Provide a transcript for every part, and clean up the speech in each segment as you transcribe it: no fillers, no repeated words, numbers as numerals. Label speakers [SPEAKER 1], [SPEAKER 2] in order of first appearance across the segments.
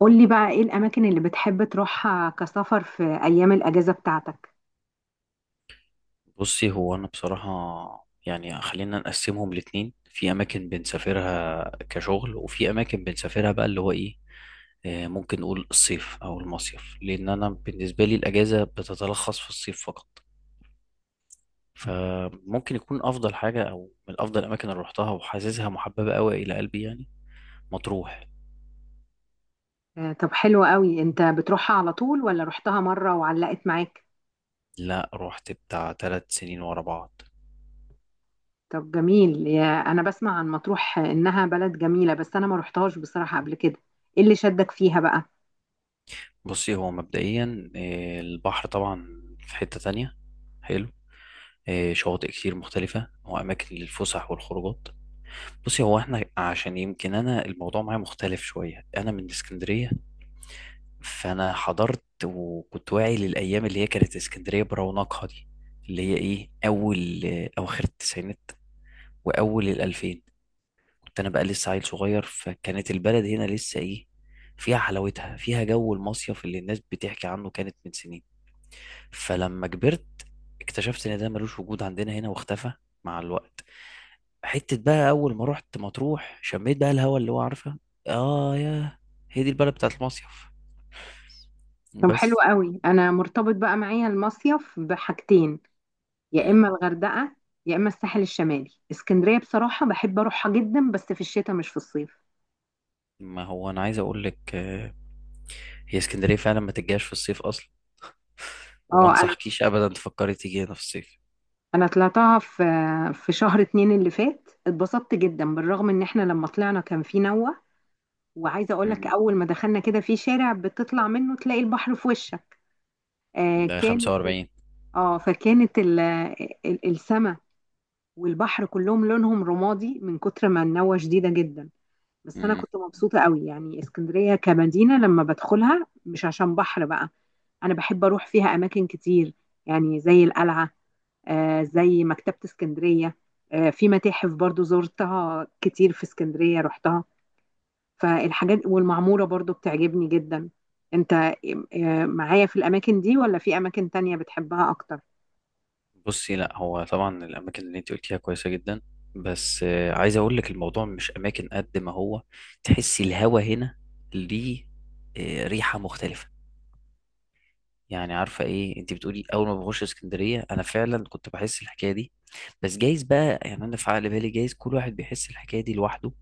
[SPEAKER 1] قولي بقى ايه الاماكن اللي بتحب تروحها كسفر في ايام الاجازة بتاعتك؟
[SPEAKER 2] بصي هو انا بصراحة. يعني خلينا نقسمهم الاتنين، في اماكن بنسافرها كشغل وفي اماكن بنسافرها بقى اللي هو ايه، ممكن نقول الصيف او المصيف، لان انا بالنسبة لي الاجازة بتتلخص في الصيف فقط. فممكن يكون افضل حاجة او من افضل الاماكن اللي روحتها وحاسسها محببة قوي الى قلبي، يعني مطروح.
[SPEAKER 1] طب حلو قوي، انت بتروحها على طول ولا رحتها مرة وعلقت معاك؟
[SPEAKER 2] لا، روحت بتاع 3 سنين ورا بعض.
[SPEAKER 1] طب جميل، يا انا بسمع عن مطروح انها بلد جميلة بس انا ما رحتهاش بصراحة قبل كده. ايه اللي شدك فيها بقى؟
[SPEAKER 2] بصي هو مبدئيا البحر طبعا، في حتة تانية حلو، شواطئ كتير مختلفة وأماكن للفسح والخروجات. بصي هو احنا عشان يمكن أنا الموضوع معايا مختلف شوية، أنا من اسكندرية. فأنا حضرت وكنت واعي للأيام اللي هي كانت اسكندرية برونقها دي، اللي هي إيه، أول أواخر التسعينات وأول الألفين. كنت أنا بقى لسه عيل صغير، فكانت البلد هنا لسه إيه، فيها حلاوتها، فيها جو المصيف اللي الناس بتحكي عنه كانت من سنين. فلما كبرت اكتشفت إن ده ملوش وجود عندنا هنا، واختفى مع الوقت. حتة بقى أول ما رحت مطروح، شميت بقى الهوا اللي هو عارفة، آه يا، هي دي البلد بتاعت المصيف
[SPEAKER 1] طب حلو
[SPEAKER 2] بس.
[SPEAKER 1] قوي. انا مرتبط بقى معايا المصيف بحاجتين، يا
[SPEAKER 2] مم.
[SPEAKER 1] اما الغردقة يا اما الساحل الشمالي. اسكندرية بصراحة بحب اروحها جدا بس في الشتاء مش في الصيف.
[SPEAKER 2] ما هو أنا عايز أقول لك، هي اسكندرية فعلا ما تجيش في الصيف أصلا، وما
[SPEAKER 1] اه،
[SPEAKER 2] أنصحكيش أبدا تفكري تيجي هنا في الصيف.
[SPEAKER 1] انا طلعتها في شهر 2 اللي فات، اتبسطت جدا بالرغم ان احنا لما طلعنا كان في نوة. وعايزه اقول لك
[SPEAKER 2] مم.
[SPEAKER 1] اول ما دخلنا كده في شارع بتطلع منه تلاقي البحر في وشك. آه
[SPEAKER 2] ده
[SPEAKER 1] كانت
[SPEAKER 2] 45.
[SPEAKER 1] اه فكانت ال- ال- السما والبحر كلهم لونهم رمادي من كتر ما النوة شديدة جدا. بس انا
[SPEAKER 2] مم.
[SPEAKER 1] كنت مبسوطة قوي، يعني اسكندرية كمدينة لما بدخلها مش عشان بحر بقى. انا بحب اروح فيها اماكن كتير، يعني زي القلعة، زي مكتبة اسكندرية، في متاحف برضو زرتها كتير في اسكندرية رحتها. فالحاجات والمعمورة برضو بتعجبني جدا. انت معايا في الأماكن دي ولا في أماكن تانية بتحبها أكتر؟
[SPEAKER 2] بصي لا، هو طبعا الأماكن اللي أنت قلتيها كويسة جدا، بس عايز أقول لك الموضوع مش أماكن قد ما هو تحسي الهوا هنا ليه، ريحة مختلفة. يعني عارفه ايه انت بتقولي، اول ما بخش اسكندريه انا فعلا كنت بحس الحكايه دي. بس جايز بقى، يعني انا في عقل بالي، جايز كل واحد بيحس الحكايه دي لوحده،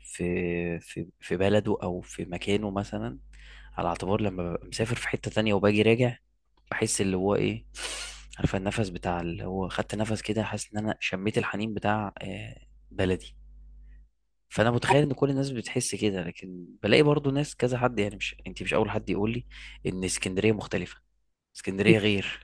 [SPEAKER 2] في بلده او في مكانه مثلا. على اعتبار لما ببقى مسافر في حته تانية وباجي راجع، بحس اللي هو ايه، عارفه النفس بتاع اللي هو خدت نفس كده، حاسس ان انا شميت الحنين بتاع بلدي. فانا متخيل ان كل الناس بتحس كده، لكن بلاقي برضو ناس كذا حد، يعني مش انت مش اول حد يقول لي ان اسكندريه مختلفه، اسكندريه غير.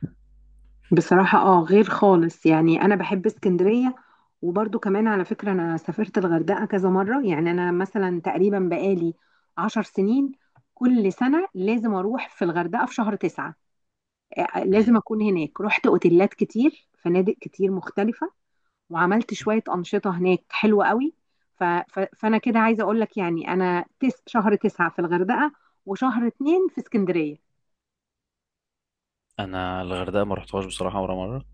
[SPEAKER 1] بصراحة اه، غير خالص، يعني أنا بحب اسكندرية. وبرضو كمان على فكرة أنا سافرت الغردقة كذا مرة، يعني أنا مثلا تقريبا بقالي 10 سنين كل سنة لازم أروح في الغردقة في شهر 9. لازم اكون هناك، رحت اوتيلات كتير فنادق كتير مختلفة. وعملت شوية أنشطة هناك حلوة قوي. فأنا كده عايزة أقول لك، يعني أنا شهر 9 في الغردقة وشهر 2 في اسكندرية.
[SPEAKER 2] انا الغردقه ما رحتهاش بصراحه ولا مره،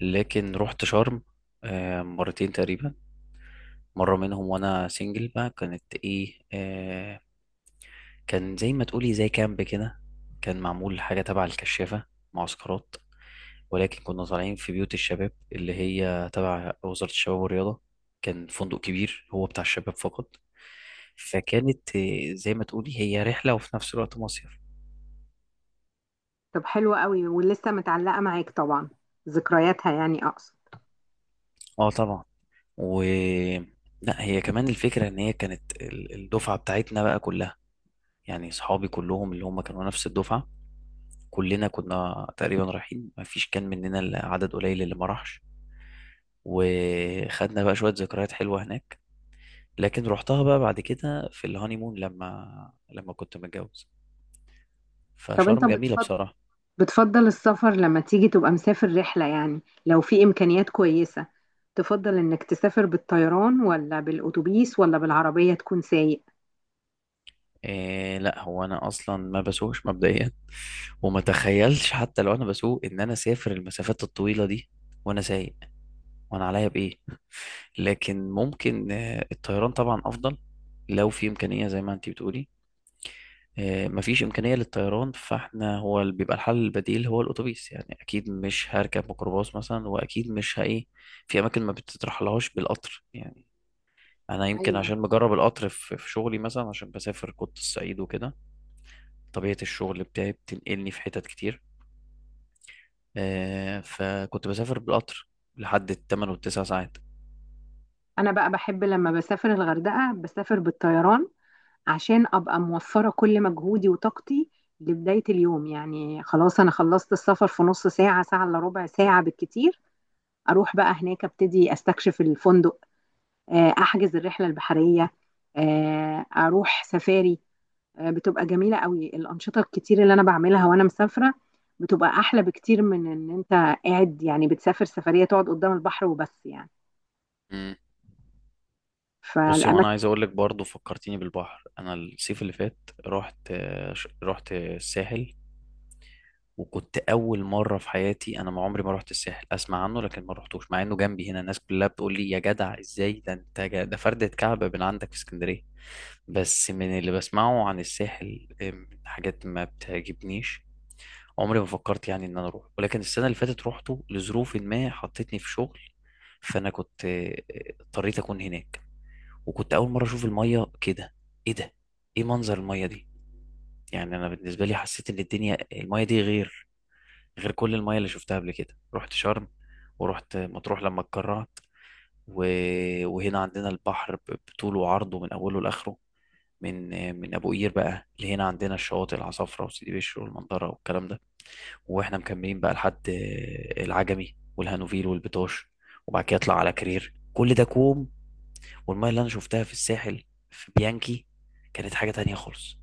[SPEAKER 2] لكن رحت شرم مرتين تقريبا. مره منهم وانا سنجل بقى، كانت ايه، كان زي ما تقولي زي كامب كده، كان معمول حاجه تبع الكشافه، معسكرات، ولكن كنا طالعين في بيوت الشباب اللي هي تبع وزاره الشباب والرياضه. كان فندق كبير هو بتاع الشباب فقط. فكانت زي ما تقولي هي رحله وفي نفس الوقت مصيف.
[SPEAKER 1] طب حلوة قوي ولسه متعلقة معاك طبعا ذكرياتها، يعني أقصد.
[SPEAKER 2] اه طبعا. و لا، هي كمان الفكرة ان هي كانت الدفعة بتاعتنا بقى كلها، يعني صحابي كلهم اللي هم كانوا نفس الدفعة، كلنا كنا تقريبا رايحين، ما فيش كان مننا إلا عدد قليل اللي ما راحش. وخدنا بقى شوية ذكريات حلوة هناك. لكن رحتها بقى بعد كده في الهانيمون لما كنت متجوز.
[SPEAKER 1] طب أنت
[SPEAKER 2] فشرم جميلة
[SPEAKER 1] بتفضل
[SPEAKER 2] بصراحة.
[SPEAKER 1] بتفضل السفر لما تيجي تبقى مسافر رحلة، يعني لو في إمكانيات كويسة تفضل إنك تسافر بالطيران ولا بالأتوبيس ولا بالعربية تكون سايق؟
[SPEAKER 2] إيه لا، هو انا اصلا ما بسوقش مبدئيا، وما تخيلش حتى لو انا بسوق ان انا اسافر المسافات الطويلة دي وانا سايق، وانا عليا بايه. لكن ممكن الطيران طبعا افضل لو في امكانيه زي ما انتي بتقولي. مفيش امكانيه للطيران، فاحنا هو اللي بيبقى الحل البديل هو الاتوبيس، يعني اكيد مش هركب ميكروباص مثلا واكيد مش هايه، في اماكن ما بتترحلهاش بالقطر يعني. انا يمكن
[SPEAKER 1] ايوه،
[SPEAKER 2] عشان مجرب القطر في شغلي مثلا، عشان بسافر كنت الصعيد وكده، طبيعه الشغل بتاعي بتنقلني في حتت كتير. فكنت بسافر بالقطر لحد ال8 وال9 ساعات.
[SPEAKER 1] انا بقى بحب لما بسافر الغردقه بسافر بالطيران عشان ابقى موفره كل مجهودي وطاقتي لبدايه اليوم، يعني خلاص انا خلصت السفر في نص ساعه، ساعه الا ربع، ساعه بالكتير. اروح بقى هناك ابتدي استكشف الفندق، احجز الرحله البحريه، اروح سفاري، بتبقى جميله قوي الانشطه الكتير اللي انا بعملها وانا مسافره. بتبقى احلى بكتير من ان انت قاعد، يعني بتسافر سفريه تقعد قدام البحر وبس يعني،
[SPEAKER 2] بصي وانا
[SPEAKER 1] فالاماكن.
[SPEAKER 2] عايز اقول لك برضه، فكرتيني بالبحر. انا الصيف اللي فات رحت رحت الساحل. وكنت اول مره في حياتي، انا ما عمري ما رحت الساحل، اسمع عنه لكن ما رحتوش، مع انه جنبي هنا. الناس كلها بتقول لي، يا جدع ازاي ده انت ده فردة كعبة من عندك في اسكندريه. بس من اللي بسمعه عن الساحل حاجات ما بتعجبنيش. عمري ما فكرت يعني ان انا اروح، ولكن السنه اللي فاتت روحته لظروف ما حطتني في شغل، فانا كنت اضطريت اكون هناك. وكنت اول مره اشوف الميه كده، ايه ده، ايه منظر الميه دي، يعني انا بالنسبه لي حسيت ان الدنيا الميه دي غير كل الميه اللي شفتها قبل كده. رحت شرم، ورحت مطروح لما اتكرعت، و... وهنا عندنا البحر بطوله وعرضه من اوله لاخره، من من ابو قير بقى لهنا، عندنا الشواطئ العصافره وسيدي بشر والمنظره والكلام ده. واحنا مكملين بقى لحد العجمي والهانوفيل والبيطاش. وبعد كده اطلع على كرير، كل ده كوم، والمية اللي انا شفتها في الساحل في بيانكي كانت حاجة تانية خالص.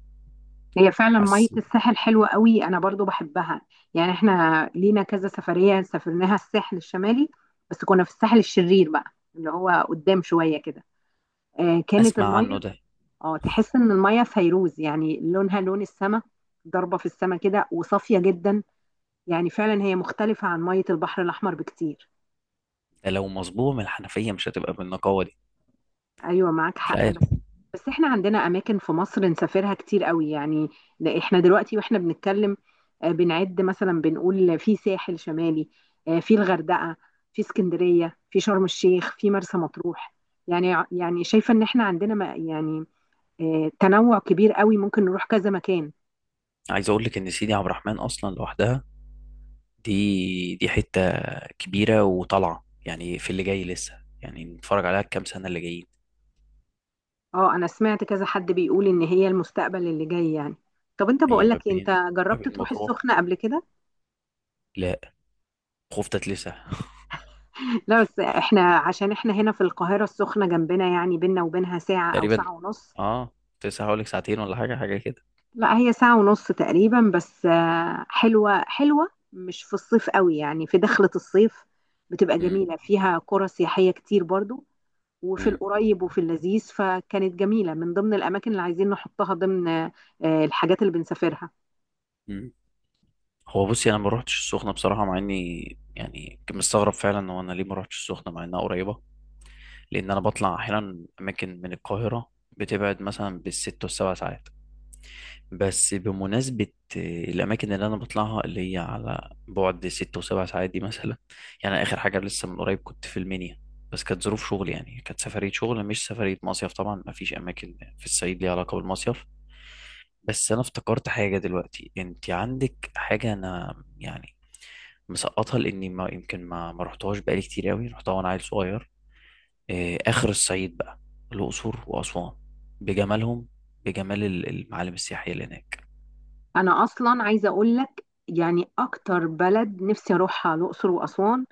[SPEAKER 1] هي فعلا مية
[SPEAKER 2] حسيت.
[SPEAKER 1] الساحل حلوة قوي، أنا برضو بحبها. يعني احنا لينا كذا سفرية سافرناها الساحل الشمالي بس كنا في الساحل الشرير بقى، اللي هو قدام شوية كده. آه كانت
[SPEAKER 2] اسمع عنه
[SPEAKER 1] المية
[SPEAKER 2] ده
[SPEAKER 1] اه تحس إن المية فيروز، يعني لونها لون السما، ضربة في السما كده وصافية جدا. يعني فعلا هي مختلفة عن مية البحر الأحمر بكتير.
[SPEAKER 2] ده لو مصبوغ من الحنفية مش هتبقى بالنقاوة دي.
[SPEAKER 1] ايوه، معاك
[SPEAKER 2] مش
[SPEAKER 1] حق.
[SPEAKER 2] عارف.
[SPEAKER 1] بس بس احنا عندنا اماكن في مصر نسافرها كتير قوي يعني. ده احنا دلوقتي واحنا بنتكلم بنعد مثلا، بنقول في ساحل شمالي، في الغردقه، في اسكندريه، في شرم الشيخ، في مرسى مطروح. يعني شايفه ان احنا عندنا يعني تنوع كبير قوي ممكن نروح كذا مكان.
[SPEAKER 2] عايز اقول لك ان سيدي عبد الرحمن اصلا لوحدها دي حتة كبيرة وطالعة، يعني في اللي جاي لسه يعني نتفرج عليها الكام سنة اللي جايين.
[SPEAKER 1] اه، انا سمعت كذا حد بيقول ان هي المستقبل اللي جاي يعني. طب انت
[SPEAKER 2] هي
[SPEAKER 1] بقول
[SPEAKER 2] ما
[SPEAKER 1] لك، انت
[SPEAKER 2] بين ما
[SPEAKER 1] جربت
[SPEAKER 2] بين
[SPEAKER 1] تروح
[SPEAKER 2] مطروح.
[SPEAKER 1] السخنه قبل كده؟
[SPEAKER 2] لا. خفتت لسه
[SPEAKER 1] لا بس احنا عشان احنا هنا في القاهرة السخنة جنبنا، يعني بينا وبينها ساعة أو
[SPEAKER 2] تقريبا،
[SPEAKER 1] ساعة ونص.
[SPEAKER 2] اه. كنت لسه هقول لك ساعتين ولا حاجة حاجة كده.
[SPEAKER 1] لا هي ساعة ونص تقريبا، بس حلوة حلوة، مش في الصيف قوي، يعني في دخلة الصيف بتبقى
[SPEAKER 2] امم.
[SPEAKER 1] جميلة، فيها قرى سياحية كتير برضو. وفي
[SPEAKER 2] امم،
[SPEAKER 1] القريب وفي اللذيذ، فكانت جميلة من ضمن الأماكن اللي عايزين نحطها ضمن الحاجات اللي بنسافرها.
[SPEAKER 2] امم. هو بصي انا ما روحتش السخنه بصراحه، مع اني يعني كنت مستغرب فعلا، هو انا ليه ما روحتش السخنه مع انها قريبه؟ لان انا بطلع احيانا اماكن من القاهره بتبعد مثلا بال6 وال7 ساعات. بس بمناسبه الاماكن اللي انا بطلعها اللي هي على بعد 6 و7 ساعات دي مثلا، يعني اخر حاجه لسه من قريب كنت في المنيا. بس كانت ظروف شغل، يعني كانت سفريه شغل مش سفريه مصيف. طبعا ما فيش اماكن في الصعيد ليها علاقه بالمصيف. بس انا افتكرت حاجه دلوقتي، انت عندك حاجه انا يعني مسقطها، لاني ما يمكن ما رحتهاش بقالي كتير قوي، رحتها وانا عيل صغير. اخر الصعيد بقى، الاقصر واسوان، بجمالهم، بجمال المعالم السياحيه اللي هناك.
[SPEAKER 1] أنا أصلا عايزة أقول لك، يعني أكتر بلد نفسي أروحها الأقصر وأسوان.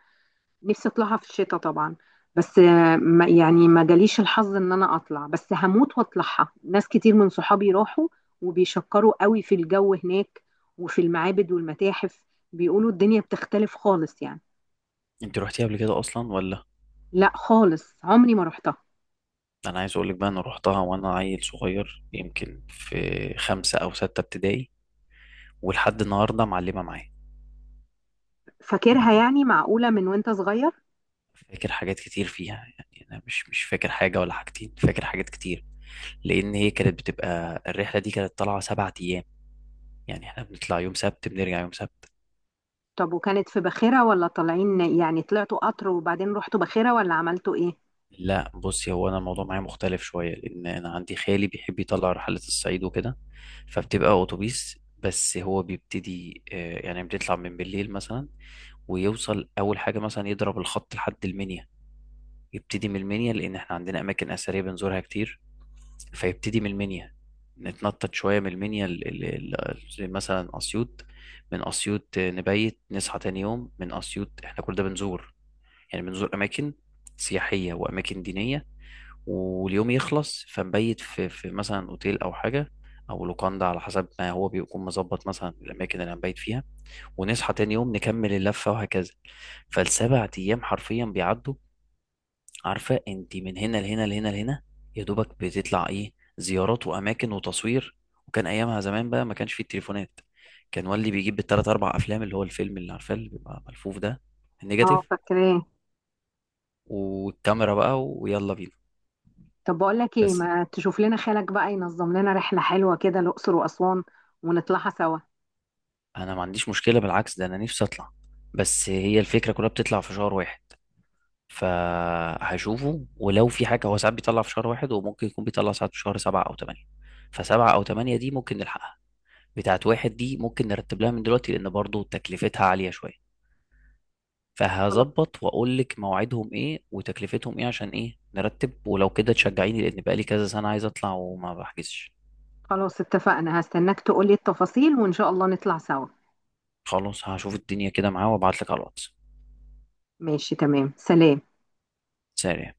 [SPEAKER 1] نفسي اطلعها في الشتاء طبعا، بس ما يعني ما جاليش الحظ ان انا اطلع، بس هموت واطلعها. ناس كتير من صحابي راحوا وبيشكروا قوي في الجو هناك وفي المعابد والمتاحف، بيقولوا الدنيا بتختلف خالص يعني.
[SPEAKER 2] انت روحتيها قبل كده اصلا ولا؟
[SPEAKER 1] لا خالص، عمري ما رحتها.
[SPEAKER 2] انا عايز اقول لك بقى، انا روحتها وانا عيل صغير، يمكن في 5 او 6 ابتدائي، ولحد النهارده معلمه معايا.
[SPEAKER 1] فاكرها
[SPEAKER 2] يعني
[SPEAKER 1] يعني؟ معقولة من وانت صغير؟
[SPEAKER 2] فاكر حاجات كتير فيها. يعني انا مش فاكر حاجه ولا حاجتين، فاكر حاجات كتير، لان هي كانت بتبقى الرحله دي كانت طالعه 7 ايام. يعني احنا بنطلع يوم سبت بنرجع يوم سبت.
[SPEAKER 1] طب وكانت في باخرة ولا طالعين، يعني طلعتوا قطر وبعدين رحتوا باخرة ولا عملتوا ايه؟
[SPEAKER 2] لا بصي، هو انا الموضوع معايا مختلف شويه، لان انا عندي خالي بيحب يطلع رحلات الصعيد وكده. فبتبقى اتوبيس، بس هو بيبتدي يعني بيطلع من بالليل مثلا، ويوصل اول حاجه مثلا يضرب الخط لحد المنيا. يبتدي من المنيا لان احنا عندنا اماكن اثريه بنزورها كتير. فيبتدي من المنيا، نتنطط شويه من المنيا زي مثلا اسيوط. من اسيوط نبيت، نصحى تاني يوم من اسيوط، احنا كل ده بنزور، يعني بنزور اماكن سياحيه واماكن دينيه. واليوم يخلص فنبيت في مثلا اوتيل او حاجه، او لوكاندا على حسب ما هو بيكون مظبط مثلا الاماكن اللي هنبيت فيها. ونصحى تاني يوم نكمل اللفه، وهكذا. فالسبع ايام حرفيا بيعدوا، عارفه انت، من هنا لهنا لهنا لهنا، يا دوبك بتطلع ايه، زيارات واماكن وتصوير. وكان ايامها زمان بقى ما كانش فيه التليفونات، كان والدي بيجيب بالتلات اربع افلام، اللي هو الفيلم اللي عارفاه اللي بيبقى ملفوف ده،
[SPEAKER 1] اه،
[SPEAKER 2] النيجاتيف،
[SPEAKER 1] فاكراه.
[SPEAKER 2] والكاميرا بقى ويلا بينا.
[SPEAKER 1] طب بقول لك ايه،
[SPEAKER 2] بس
[SPEAKER 1] ما تشوف لنا خالك بقى ينظم لنا رحلة حلوة كده الأقصر وأسوان ونطلعها سوا.
[SPEAKER 2] انا ما عنديش مشكله، بالعكس ده انا نفسي اطلع. بس هي الفكره كلها بتطلع في شهر واحد، فهشوفه ولو في حاجه، هو ساعات بيطلع في شهر واحد وممكن يكون بيطلع ساعات في شهر 7 او 8. فسبعة او تمانية دي ممكن نلحقها، بتاعت واحد دي ممكن نرتب لها من دلوقتي، لان برضو تكلفتها عاليه شويه.
[SPEAKER 1] خلاص،
[SPEAKER 2] فهظبط واقول لك مواعيدهم ايه وتكلفتهم ايه عشان ايه نرتب، ولو كده تشجعيني، لان بقالي كذا سنه عايز اطلع وما بحجزش.
[SPEAKER 1] خلاص اتفقنا، هستناك تقولي التفاصيل وإن شاء الله نطلع سوا.
[SPEAKER 2] خلاص، هشوف الدنيا كده معاه وابعت لك على الواتس
[SPEAKER 1] ماشي، تمام، سلام.
[SPEAKER 2] سريع.